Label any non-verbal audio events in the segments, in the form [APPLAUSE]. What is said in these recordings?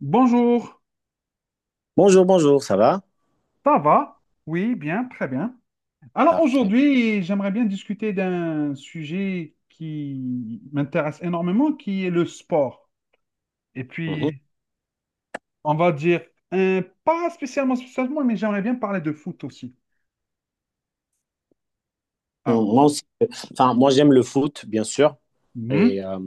Bonjour, Bonjour, bonjour, ça va? ça va? Oui, bien, très bien. Alors Parfait. aujourd'hui, j'aimerais bien discuter d'un sujet qui m'intéresse énormément, qui est le sport. Et Mhm. puis, on va dire, pas spécialement, spécialement, mais j'aimerais bien parler de foot aussi. Alors, Moi aussi, enfin, moi j'aime le foot, bien sûr. mhm, Et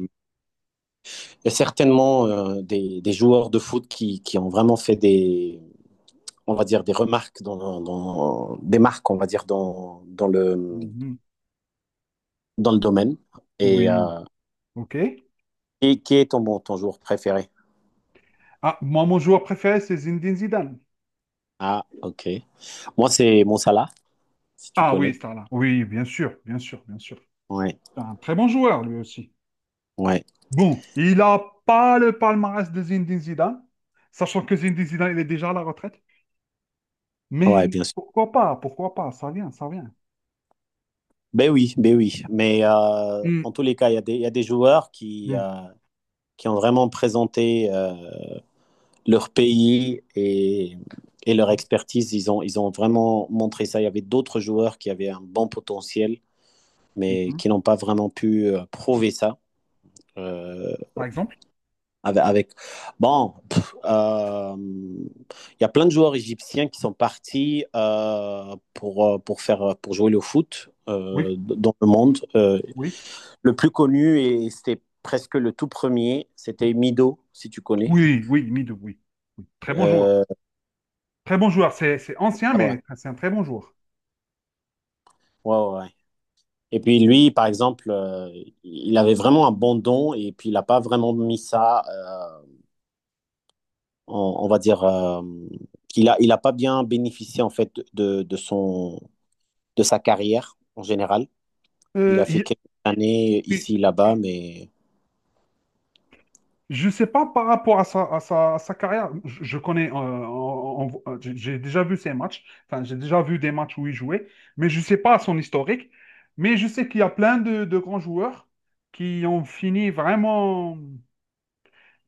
il y a certainement des joueurs de foot qui ont vraiment fait des, on va dire, des remarques dans des marques, on va dire, dans, dans le, mhm, dans le domaine. Et, oui, euh, ok. et qui est ton, bon, ton joueur préféré? Ah, moi, mon joueur préféré, c'est Zinedine Zidane. Ah, ok. Moi, c'est Mo Salah, si tu Ah oui, connais. là. Oui, bien sûr, bien sûr, bien sûr. Ouais, C'est un très bon joueur, lui aussi. ouais, Bon, il n'a pas le palmarès de Zinedine Zidane, sachant que Zinedine Zidane, il est déjà à la retraite. ouais, Mais bien sûr. Pourquoi pas, ça vient, ça vient. Ben oui, ben oui. Mais Hmm. en tous les cas, il y a des joueurs qui, Mhm, euh, qui ont vraiment présenté leur pays et leur expertise. Ils ont vraiment montré ça. Il y avait d'autres joueurs qui avaient un bon potentiel, mais mhm. qui n'ont pas vraiment pu prouver ça. Euh, Par exemple? avec, bon, il y a plein de joueurs égyptiens qui sont partis pour jouer le foot Oui, dans le monde. Oui. Le plus connu, et c'était presque le tout premier, c'était Mido, si tu connais. Oui, oui, Midou, oui. Très bon joueur. Euh, Très bon joueur. C'est ancien, ah ouais. mais c'est un très bon joueur. Ouais, ouais, ouais. Et puis lui, par exemple, il avait vraiment un bon don et puis il n'a pas vraiment mis ça, on va dire, il a pas bien bénéficié en fait de sa carrière en général. Il Euh, a fait il quelques années y a- ici, là-bas, mais Je sais pas par rapport à sa carrière. Je connais, j'ai déjà vu ses matchs. Enfin, j'ai déjà vu des matchs où il jouait, mais je sais pas son historique. Mais je sais qu'il y a plein de grands joueurs qui ont fini vraiment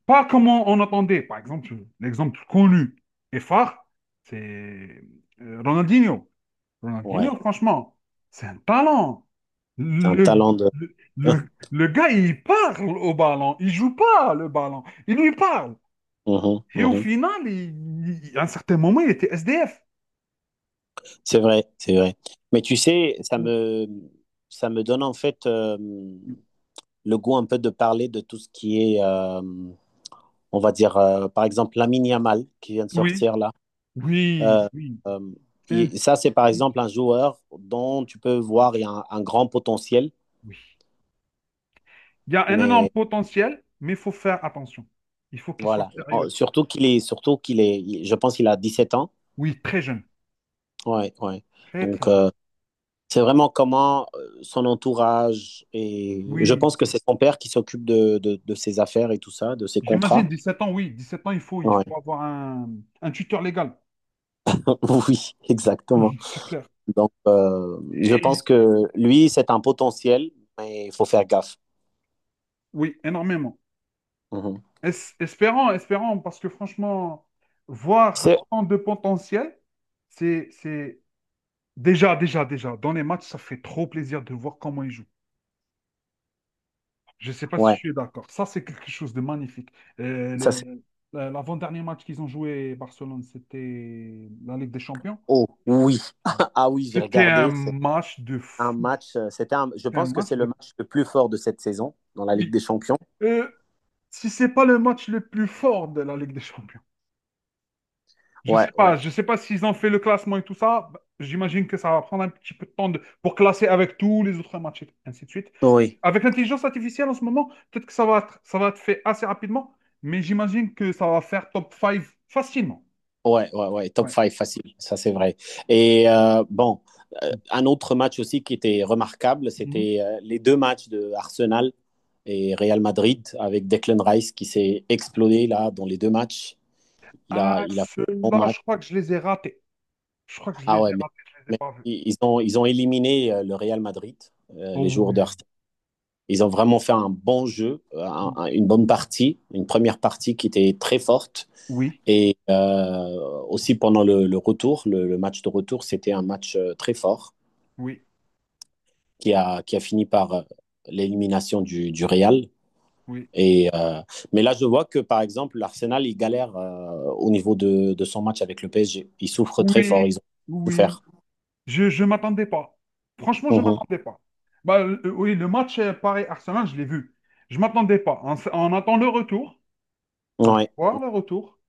pas comme on attendait. Par exemple, l'exemple connu et phare, c'est Ronaldinho. Ronaldinho, ouais, franchement, c'est un talent. c'est un Le, talent de... le, le- [LAUGHS] le gars, il parle au ballon. Il joue pas le ballon. Il lui parle. Mhm, Et au mhm. final, à un certain moment, il était SDF. C'est vrai, c'est vrai. Mais tu sais, ça me donne en fait le goût un peu de parler de tout ce qui est... on va dire, par exemple, Lamine Yamal qui vient de Oui, sortir là. oui, Euh, oui. euh, C'est un ça, c'est par petit- exemple un joueur dont tu peux voir il y a un grand potentiel, oui. Il y a un énorme mais potentiel, mais il faut faire attention. Il faut qu'il soit voilà. Sérieux. Surtout qu'il est, je pense qu'il a 17 ans. Oui, très jeune. Ouais, ouais. Très, très Donc, jeune. C'est vraiment comment son entourage et je Oui. pense que c'est son père qui s'occupe de ses affaires et tout ça, de ses contrats. J'imagine 17 ans, oui. 17 ans, il faut, il Ouais. faut avoir un tuteur légal. [LAUGHS] Oui, exactement. [LAUGHS] C'est clair. Donc, je pense Et que lui, c'est un potentiel, mais il faut faire gaffe. Oui, énormément. Mhm. Espérons, espérons, parce que franchement, voir C'est autant de potentiel, c'est déjà, déjà, déjà, dans les matchs, ça fait trop plaisir de voir comment ils jouent. Je ne sais pas si ouais, tu es d'accord. Ça, c'est quelque chose de magnifique. Euh, ça c'est. le- L'avant-dernier match qu'ils ont joué, Barcelone, c'était la Ligue des Champions. Oh oui, [LAUGHS] ah oui, j'ai C'était un regardé. C'est match de un fou. match. Je C'était un pense que match c'est le de... match le plus fort de cette saison dans la Ligue Oui. des Champions. Euh, si c'est pas le match le plus fort de la Ligue des Champions. Je Ouais, sais pas, ouais. je sais pas s'ils ont fait le classement et tout ça. Bah, j'imagine que ça va prendre un petit peu de temps pour classer avec tous les autres matchs et ainsi de suite. Oui. Avec l'intelligence artificielle en ce moment, peut-être que ça va être fait assez rapidement, mais j'imagine que ça va faire top cinq facilement. Ouais, ouais, ouais. Top Ouais. 5 facile. Ça c'est vrai. Et bon, un autre match aussi qui était remarquable, Mhm. c'était les deux matchs de Arsenal et Real Madrid avec Declan Rice qui s'est explosé là dans les deux matchs. Il a, Ah, il a fait un ceux-là, bon. je crois que je les ai ratés. Je crois que je les Ah ai ouais, mais, ratés, je les ai mais pas vus. ils ont éliminé le Real Madrid les Oh jours d'heure. Ils ont vraiment fait un bon jeu, oui. Une bonne partie, une première partie qui était très forte. Oui, Et aussi pendant le match de retour, c'était un match très fort oui, qui a fini par l'élimination du Real. oui. Et, euh, mais là, je vois que par exemple, l'Arsenal, il galère au niveau de son match avec le PSG. Ils souffrent très fort, ils Oui, ont oui. souffert. Je ne m'attendais pas. Franchement, je ne Mhm. m'attendais pas. Bah, oui, le match Paris-Arsenal, je l'ai vu. Je ne m'attendais pas. On attend le retour. On va Ouais. voir le retour.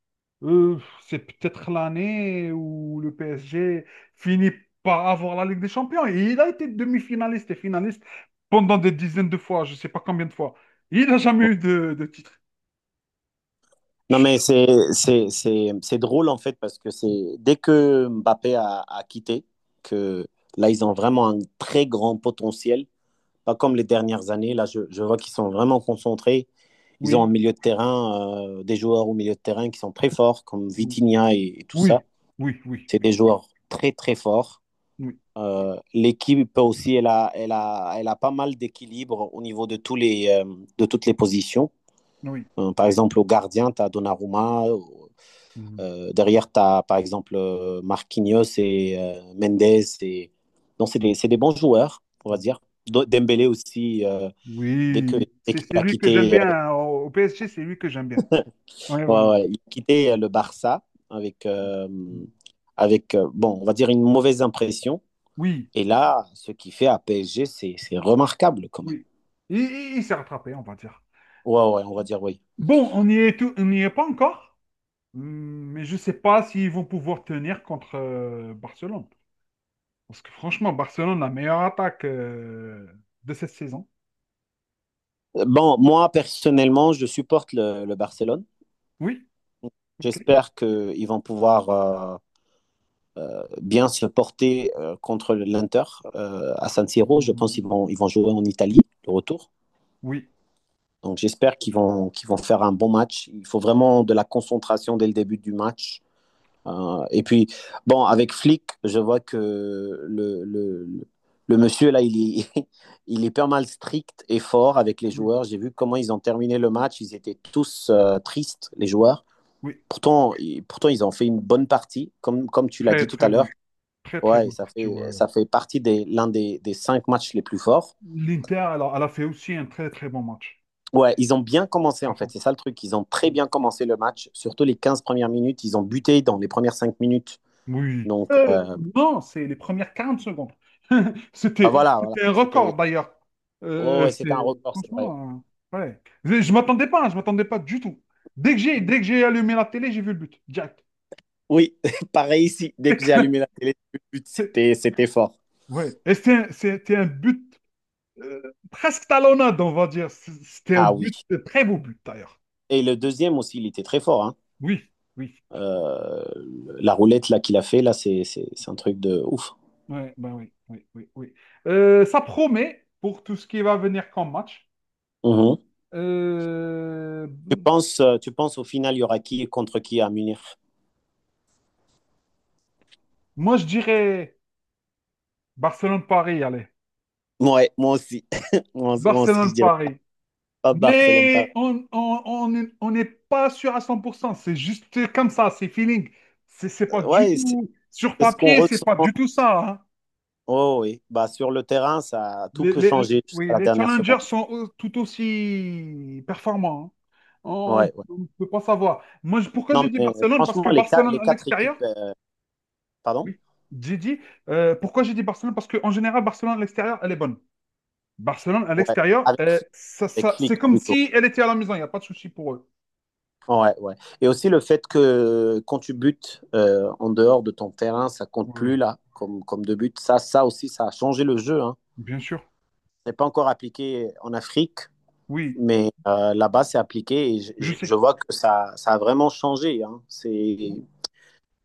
Euh, c'est peut-être l'année où le PSG finit par avoir la Ligue des Champions. Et il a été demi-finaliste et finaliste pendant des dizaines de fois, je ne sais pas combien de fois. Il n'a jamais eu de titre. Non, mais c'est drôle en fait parce que c'est dès que Mbappé a quitté, que là ils ont vraiment un très grand potentiel, pas comme les dernières années. Là, je vois qu'ils sont vraiment concentrés. Ils ont un Oui, milieu de terrain, des joueurs au milieu de terrain qui sont très forts, comme oui, Vitinha et tout oui, ça. oui, oui, C'est oui, des joueurs très très forts. oui, L'équipe aussi, elle a pas mal d'équilibre au niveau de, de toutes les positions. oui. Par exemple, au gardien, tu as Donnarumma, derrière, tu as par exemple Marquinhos et Mendes. Et... Non, c'est des bons joueurs, on va Mhm. dire. Dembélé aussi, dès que, Oui, dès c'est qu'il c'est a lui que j'aime quitté, bien. Hein. Au PSG, c'est lui que j'aime bien. Oui, ouais, voilà. ouais, il a quitté le Barça avec, bon, on va dire une mauvaise impression. Oui, Et là, ce qu'il fait à PSG, c'est remarquable quand même. oui. Il s'est rattrapé, on va dire. Ouais, ouais, on va dire oui. Bon, on n'y est pas encore. Mais je ne sais pas s'ils vont pouvoir tenir contre Barcelone. Parce que franchement, Barcelone, la meilleure attaque de cette saison. Bon, moi, personnellement, je supporte le Barcelone. Oui, ok. J'espère qu'ils vont pouvoir bien se porter contre l'Inter à San Siro. Je pense qu'ils Hum, vont jouer en Italie, le retour. Oui, Donc j'espère qu'ils vont faire un bon match. Il faut vraiment de la concentration dès le début du match. Et puis, bon, avec Flick, je vois que le monsieur, là, il est, [LAUGHS] il est pas mal strict et fort avec les oui, joueurs. J'ai vu comment ils ont terminé le match. Ils étaient tous tristes, les joueurs. oui. Pourtant, pourtant, ils ont fait une bonne partie. Comme tu l'as dit Très, tout à très l'heure, bonne. Très, très ouais, bonne ça partie. fait, Ouais. ça fait partie des l'un des cinq matchs les plus forts. L'Inter, elle a fait aussi un très, très bon match. Ouais, ils ont bien commencé À en fait, fond. c'est ça le truc. Ils ont très Hmm. bien commencé le match, surtout les 15 premières minutes. Ils ont buté dans les premières 5 minutes. Oui. Donc Euh, non, c'est les premières 40 secondes. [LAUGHS] bah C'était, voilà, voilà. c'était un record c'était d'ailleurs. Oh, Euh, ouais, c'était c'est un record, c'est vrai. franchement, ouais. Je m'attendais pas, hein, je m'attendais pas du tout. Dès que j'ai allumé la télé, j'ai vu le but. Direct. Oui, [LAUGHS] pareil ici. [LAUGHS] Dès que j'ai allumé Éclaté. la télé, le but, c'était fort. Ouais. Et c'était un but presque talonnade, on va dire. C'était un Ah oui. but, un très beau but d'ailleurs. Et le deuxième aussi, il était très fort. Hein. Oui, oui. Euh, la roulette là qu'il a fait, là, c'est un truc de ouf. Ouais, ben oui, oui, oui, oui. Ça promet pour tout ce qui va venir comme match. Mhm. Euh, Tu penses, au final, il y aura qui contre qui à Munich? Moi, je dirais Barcelone-Paris, allez. Ouais, moi aussi. [LAUGHS] Moi aussi, je dirais Barcelone-Paris. pas Barcelone, Paris. Mais on n'est pas sûr à 100%. C'est juste comme ça, c'est feeling. C'est pas du Ouais, c'est tout. Sur c'est ce qu'on papier, c'est ressent. pas du tout ça. Hein. Oh oui, bah sur le terrain, ça tout Les, peut les- les- changer jusqu'à oui, la les dernière seconde. challengers sont tout aussi performants. Hein. On Ouais, ouais. ne peut pas savoir. Moi, pourquoi j'ai Non, dit mais Barcelone? Parce que franchement, les quatre, Barcelone les à quatre l'extérieur, équipes, pardon? oui, j'ai dit. Pourquoi j'ai dit Barcelone? Parce qu'en général, Barcelone à l'extérieur, elle est bonne. Barcelone à Ouais, l'extérieur, avec, avec c'est Flick comme plutôt. si elle était à la maison, il n'y a pas de souci pour eux. Ouais, ouais. Et aussi le fait que quand tu butes en dehors de ton terrain, ça compte plus Oui, là, comme de but. Ça aussi, ça a changé le jeu, hein. bien sûr. C'est pas encore appliqué en Afrique, Oui, mais là-bas, c'est appliqué et je je sais. vois que ça a vraiment changé. Hein. Il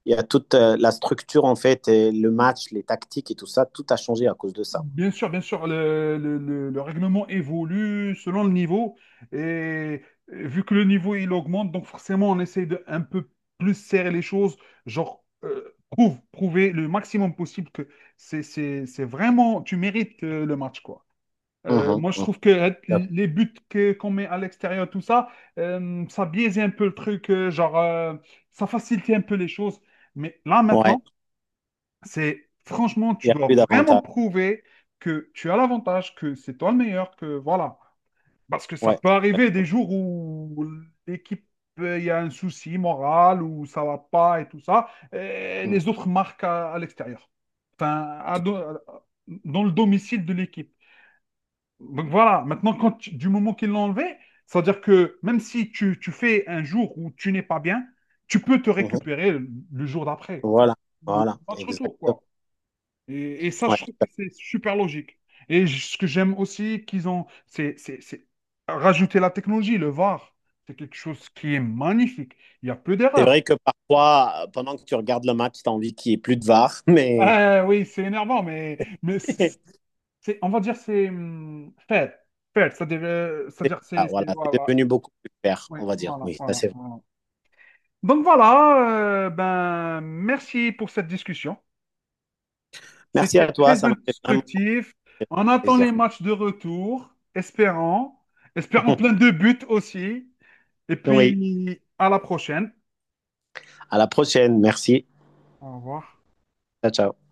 y a toute la structure, en fait, et le match, les tactiques et tout ça, tout a changé à cause de ça. Bien sûr, le règlement évolue selon le niveau. Et vu que le niveau il augmente, donc forcément on essaye de un peu plus serrer les choses, genre prouver le maximum possible que c'est vraiment, tu mérites le match, quoi. Euh, Mhm, moi, je mhm. trouve que les buts qu'on met à l'extérieur, tout ça, ça biaisait un peu le truc, genre, ça facilitait un peu les choses. Mais là, Ouais, maintenant, c'est franchement, il tu n'y a dois plus vraiment d'avantages. prouver que tu as l'avantage, que c'est toi le meilleur, que voilà. Parce que ça Ouais, peut arriver des exactement. jours où l'équipe, il y a un souci moral, où ça va pas et tout ça, et Mhm, les autres marquent à l'extérieur. Enfin, tout- dans le domicile de l'équipe. Donc voilà, maintenant, quand du moment qu'ils l'ont enlevé, c'est-à-dire que même si tu fais un jour où tu n'es pas bien, tu peux te mhm. récupérer le jour d'après. Enfin, Voilà, le voilà, match retour, exactement. quoi. Et ça, Ouais. je trouve que c'est super logique. Et ce que j'aime aussi qu'ils ont, c'est rajouter la technologie, le VAR. C'est quelque chose qui est magnifique. Il n'y a plus C'est d'erreurs. vrai que parfois, pendant que tu regardes le match, tu as envie qu'il n'y ait plus de VAR, mais Ah oui, c'est énervant, mais, [LAUGHS] on va dire c'est fait. Fait, ça à dire c'est-à-dire ah, voilà, c'est Voilà. devenu beaucoup plus clair, Oui, on va dire. voilà, Oui, ça voilà, c'est vrai. voilà. Donc voilà, ben, merci pour cette discussion. Merci C'était à toi, très ça m'a fait vraiment instructif. On attend les plaisir. matchs de retour, espérons. Espérons plein de buts aussi. Et Oui, puis, à la prochaine. à la prochaine. Merci. Au revoir. Ciao, ciao.